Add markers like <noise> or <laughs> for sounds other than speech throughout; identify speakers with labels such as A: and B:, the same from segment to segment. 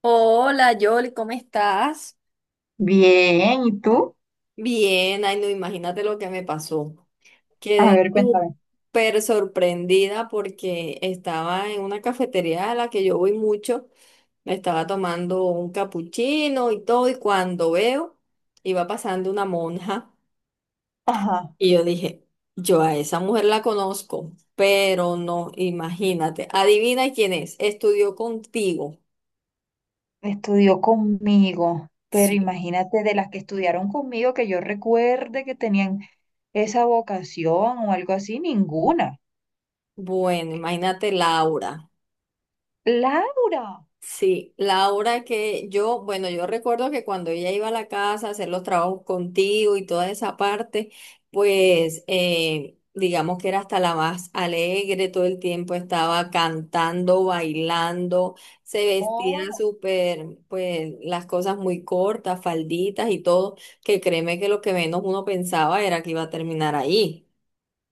A: Hola, Yoli, ¿cómo estás?
B: Bien, ¿y tú?
A: Bien, ay, no, imagínate lo que me pasó.
B: A
A: Quedé
B: ver, cuéntame.
A: súper sorprendida porque estaba en una cafetería a la que yo voy mucho, me estaba tomando un capuchino y todo, y cuando veo, iba pasando una monja
B: Ajá,
A: y yo dije, yo a esa mujer la conozco, pero no, imagínate, adivina quién es, estudió contigo.
B: estudió conmigo, pero
A: Sí.
B: imagínate, de las que estudiaron conmigo que yo recuerde que tenían esa vocación o algo así, ninguna.
A: Bueno, imagínate Laura.
B: Laura,
A: Sí, la hora que yo, bueno, yo recuerdo que cuando ella iba a la casa a hacer los trabajos contigo y toda esa parte, pues digamos que era hasta la más alegre, todo el tiempo estaba cantando, bailando, se vestía
B: oh.
A: súper, pues las cosas muy cortas, falditas y todo, que créeme que lo que menos uno pensaba era que iba a terminar ahí.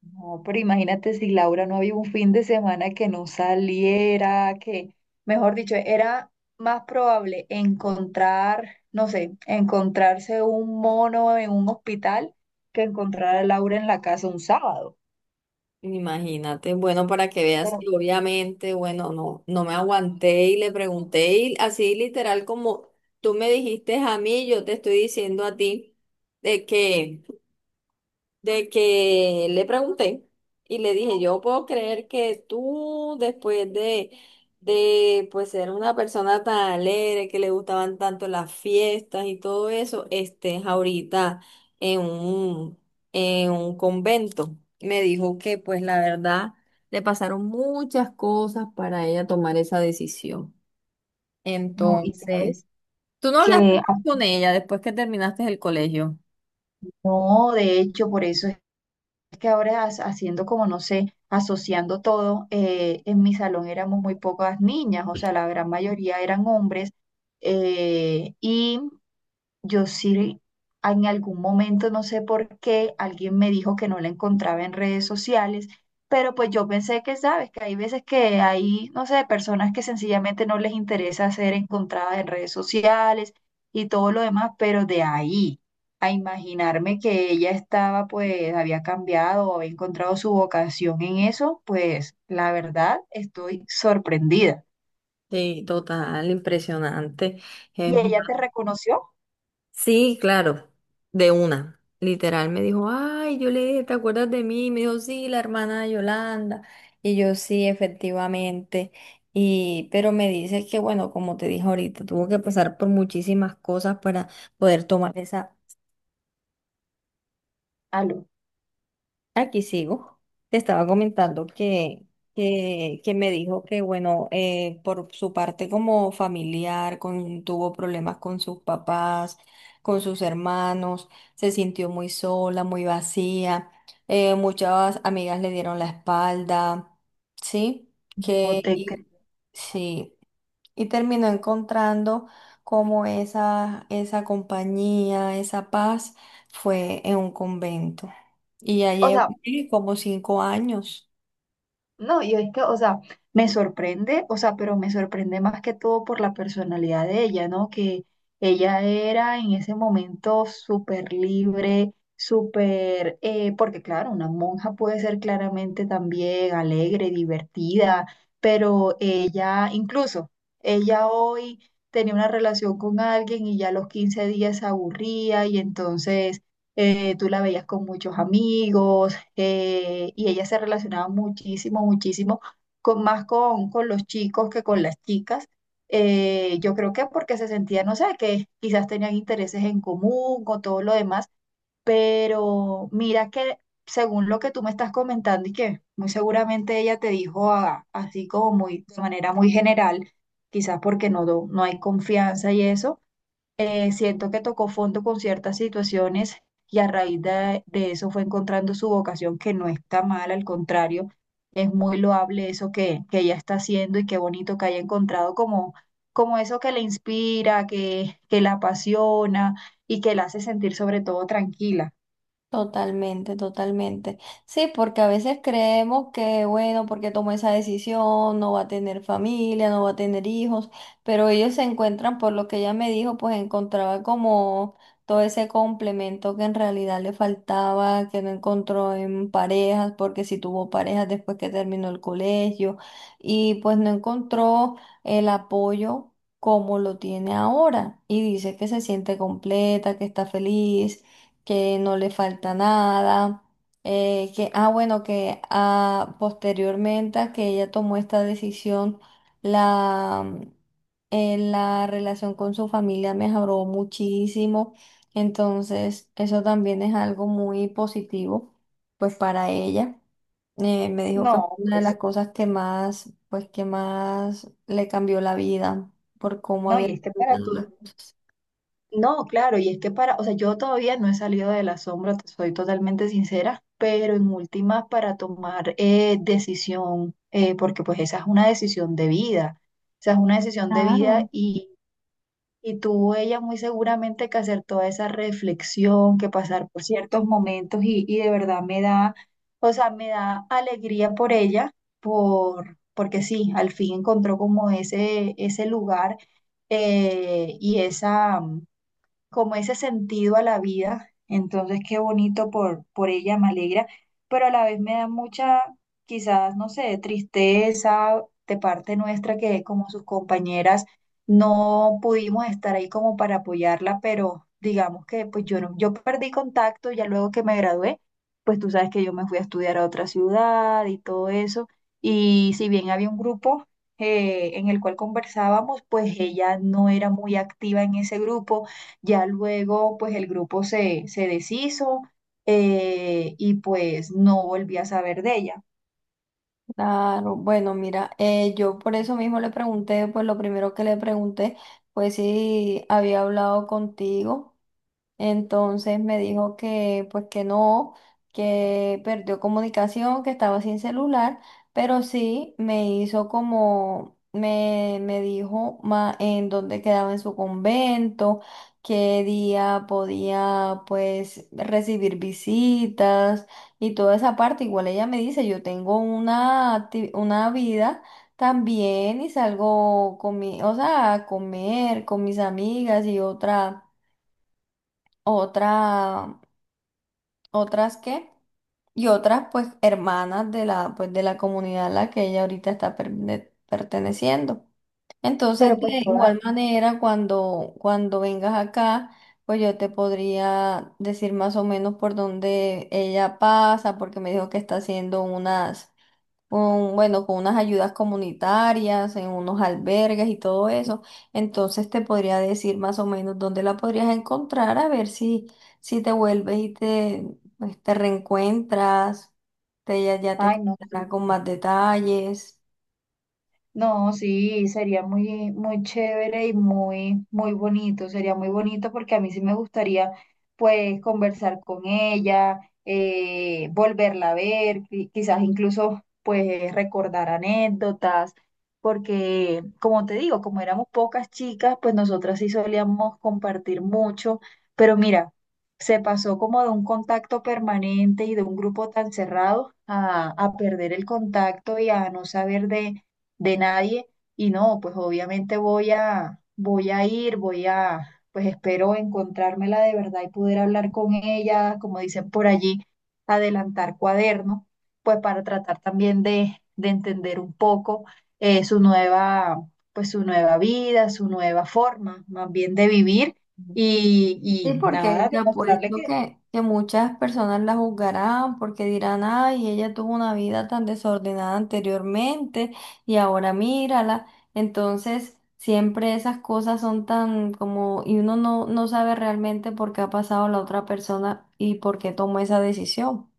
B: No, pero imagínate, si Laura no había un fin de semana que no saliera, que, mejor dicho, era más probable encontrar, no sé, encontrarse un mono en un hospital que encontrar a Laura en la casa un sábado.
A: Imagínate, bueno, para que veas,
B: Pero
A: y obviamente, bueno, no, no me aguanté y le pregunté y así literal como tú me dijiste a mí, yo te estoy diciendo a ti de que de que le pregunté y le dije, yo puedo creer que tú, después de pues ser una persona tan alegre, que le gustaban tanto las fiestas y todo eso, estés ahorita en un, en un convento. Me dijo que pues la verdad le pasaron muchas cosas para ella tomar esa decisión.
B: No, y
A: Entonces,
B: sabes
A: tú no hablaste
B: que
A: más con ella después que terminaste el colegio.
B: no, de hecho, por eso es que ahora haciendo como, no sé, asociando todo, en mi salón éramos muy pocas niñas, o sea, la gran mayoría eran hombres. eh, y Yo sí, en algún momento, no sé por qué, alguien me dijo que no la encontraba en redes sociales, pero pues yo pensé que, sabes, que hay veces que hay, no sé, personas que sencillamente no les interesa ser encontradas en redes sociales y todo lo demás, pero de ahí a imaginarme que ella estaba, pues, había cambiado o había encontrado su vocación en eso, pues, la verdad, estoy sorprendida.
A: Sí, total, impresionante.
B: ¿Y ella
A: <laughs>
B: te reconoció?
A: Sí, claro, de una. Literal me dijo, ay, yo le dije, ¿te acuerdas de mí? Y me dijo, sí, la hermana de Yolanda. Y yo, sí, efectivamente. Y, pero me dice que, bueno, como te dije ahorita, tuvo que pasar por muchísimas cosas para poder tomar esa.
B: Aló,
A: Aquí sigo. Te estaba comentando que, que me dijo que, bueno, por su parte como familiar, con, tuvo problemas con sus papás, con sus hermanos, se sintió muy sola, muy vacía, muchas amigas le dieron la espalda, ¿sí?
B: no
A: Que,
B: te creo.
A: y, sí, y terminó encontrando como esa compañía, esa paz, fue en un convento. Y ya
B: O
A: llevo
B: sea,
A: ¿qué? Como cinco años.
B: no, y es que, o sea, me sorprende, o sea, pero me sorprende más que todo por la personalidad de ella, ¿no? Que ella era en ese momento súper libre, súper, porque claro, una monja puede ser claramente también alegre, divertida, pero ella, incluso, ella hoy tenía una relación con alguien y ya a los 15 días se aburría, y entonces tú la veías con muchos amigos, y ella se relacionaba muchísimo, muchísimo con, más con, los chicos que con las chicas. Yo creo que porque se sentía, no sé, que quizás tenían intereses en común o todo lo demás, pero mira que según lo que tú me estás comentando, y que muy seguramente ella te dijo así como muy, de manera muy general, quizás porque no, no hay confianza y eso, siento que tocó fondo con ciertas situaciones, y a raíz de, eso fue encontrando su vocación, que no está mal, al contrario, es muy loable eso que ella está haciendo. Y qué bonito que haya encontrado como eso que le inspira, que la apasiona y que la hace sentir sobre todo tranquila.
A: Totalmente, totalmente. Sí, porque a veces creemos que, bueno, porque tomó esa decisión, no va a tener familia, no va a tener hijos, pero ellos se encuentran, por lo que ella me dijo, pues encontraba como todo ese complemento que en realidad le faltaba, que no encontró en parejas, porque si tuvo parejas después que terminó el colegio, y pues no encontró el apoyo como lo tiene ahora, y dice que se siente completa, que está feliz, que no le falta nada, que, ah, bueno, que ah, posteriormente a que ella tomó esta decisión, la, la relación con su familia mejoró muchísimo, entonces eso también es algo muy positivo, pues para ella. Me dijo que
B: No,
A: fue una de
B: pues,
A: las cosas que más, pues que más le cambió la vida por cómo
B: no,
A: había
B: y es que para
A: terminado
B: tú...
A: las cosas.
B: No, claro, y es que para, o sea, yo todavía no he salido del asombro, te soy totalmente sincera, pero en últimas, para tomar decisión, porque pues esa es una decisión de vida, esa es una decisión de
A: Claro.
B: vida, y tuvo ella muy seguramente que hacer toda esa reflexión, que pasar por ciertos momentos, y de verdad me da, o sea, me da alegría por ella, porque sí, al fin encontró como ese, lugar, y esa, como ese sentido a la vida. Entonces, qué bonito por ella, me alegra, pero a la vez me da mucha, quizás, no sé, tristeza de parte nuestra, que como sus compañeras no pudimos estar ahí como para apoyarla. Pero digamos que pues yo no, yo perdí contacto ya luego que me gradué. Pues tú sabes que yo me fui a estudiar a otra ciudad y todo eso, y si bien había un grupo en el cual conversábamos, pues ella no era muy activa en ese grupo. Ya luego, pues el grupo se deshizo, y pues no volví a saber de ella.
A: Claro, bueno, mira, yo por eso mismo le pregunté, pues lo primero que le pregunté fue si había hablado contigo, entonces me dijo que pues que no, que perdió comunicación, que estaba sin celular, pero sí me hizo como, me dijo ma- en dónde quedaba en su convento, qué día podía pues recibir visitas y toda esa parte. Igual ella me dice, yo tengo una, acti- una vida. También y salgo con mi, o sea, a comer con mis amigas y otra otra, otras que, y otras pues hermanas de la, pues, de la comunidad a la que ella ahorita está per- de- perteneciendo. Entonces,
B: Pero
A: de
B: pues toda...
A: igual manera, cuando, cuando vengas acá, pues yo te podría decir más o menos por dónde ella pasa, porque me dijo que está haciendo unas con, bueno, con unas ayudas comunitarias, en unos albergues y todo eso. Entonces te podría decir más o menos dónde la podrías encontrar, a ver si, si te vuelves y te, pues, te reencuentras, te, ella ya te
B: Ay, no. Sí,
A: contará con más detalles.
B: no, sí, sería muy, muy chévere y muy, muy bonito. Sería muy bonito porque a mí sí me gustaría, pues, conversar con ella, volverla a ver, quizás incluso, pues, recordar anécdotas, porque, como te digo, como éramos pocas chicas, pues nosotras sí solíamos compartir mucho, pero mira, se pasó como de un contacto permanente y de un grupo tan cerrado a, perder el contacto y a no saber de nadie. Y no, pues obviamente voy a, voy a ir, pues espero encontrármela de verdad y poder hablar con ella, como dicen por allí, adelantar cuaderno, pues para tratar también de entender un poco su nueva, pues su nueva vida, su nueva forma, más bien de vivir, y,
A: Sí,
B: y
A: porque
B: nada,
A: te
B: demostrarle
A: apuesto
B: que...
A: que muchas personas la juzgarán porque dirán, ay, ella tuvo una vida tan desordenada anteriormente y ahora mírala. Entonces, siempre esas cosas son tan como, y uno no, no sabe realmente por qué ha pasado la otra persona y por qué tomó esa decisión,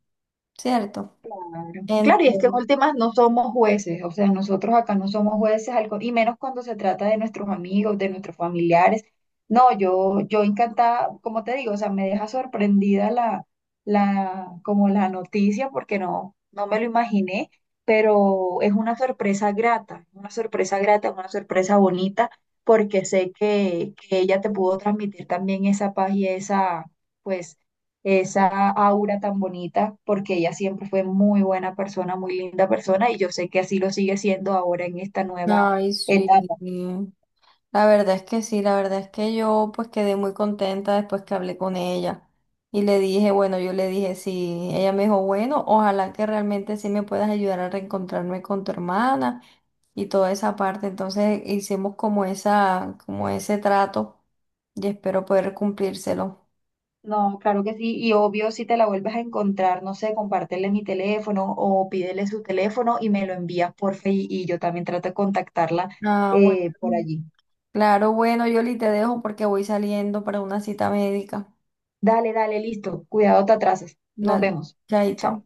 A: ¿cierto?
B: Claro.
A: Entonces,
B: Claro, y es que en últimas no somos jueces, o sea, nosotros acá no somos jueces, y menos cuando se trata de nuestros amigos, de nuestros familiares. No, yo encantada, como te digo, o sea, me deja sorprendida como la noticia, porque no, no me lo imaginé, pero es una sorpresa grata, una sorpresa grata, una sorpresa bonita, porque sé que ella te pudo transmitir también esa paz y esa, pues esa aura tan bonita, porque ella siempre fue muy buena persona, muy linda persona, y yo sé que así lo sigue siendo ahora en esta nueva
A: ay, sí.
B: etapa.
A: La verdad es que sí, la verdad es que yo pues quedé muy contenta después que hablé con ella y le dije, bueno, yo le dije sí, ella me dijo, bueno, ojalá que realmente sí me puedas ayudar a reencontrarme con tu hermana y toda esa parte. Entonces hicimos como esa, como ese trato y espero poder cumplírselo.
B: No, claro que sí, y obvio, si te la vuelves a encontrar, no sé, compártele mi teléfono o pídele su teléfono y me lo envías por Face y yo también trato de contactarla,
A: Ah, bueno.
B: por allí.
A: Claro, bueno, Yoli, te dejo porque voy saliendo para una cita médica.
B: Dale, dale, listo, cuidado, te atrasas. Nos
A: Dale,
B: vemos.
A: chaito.
B: Chao.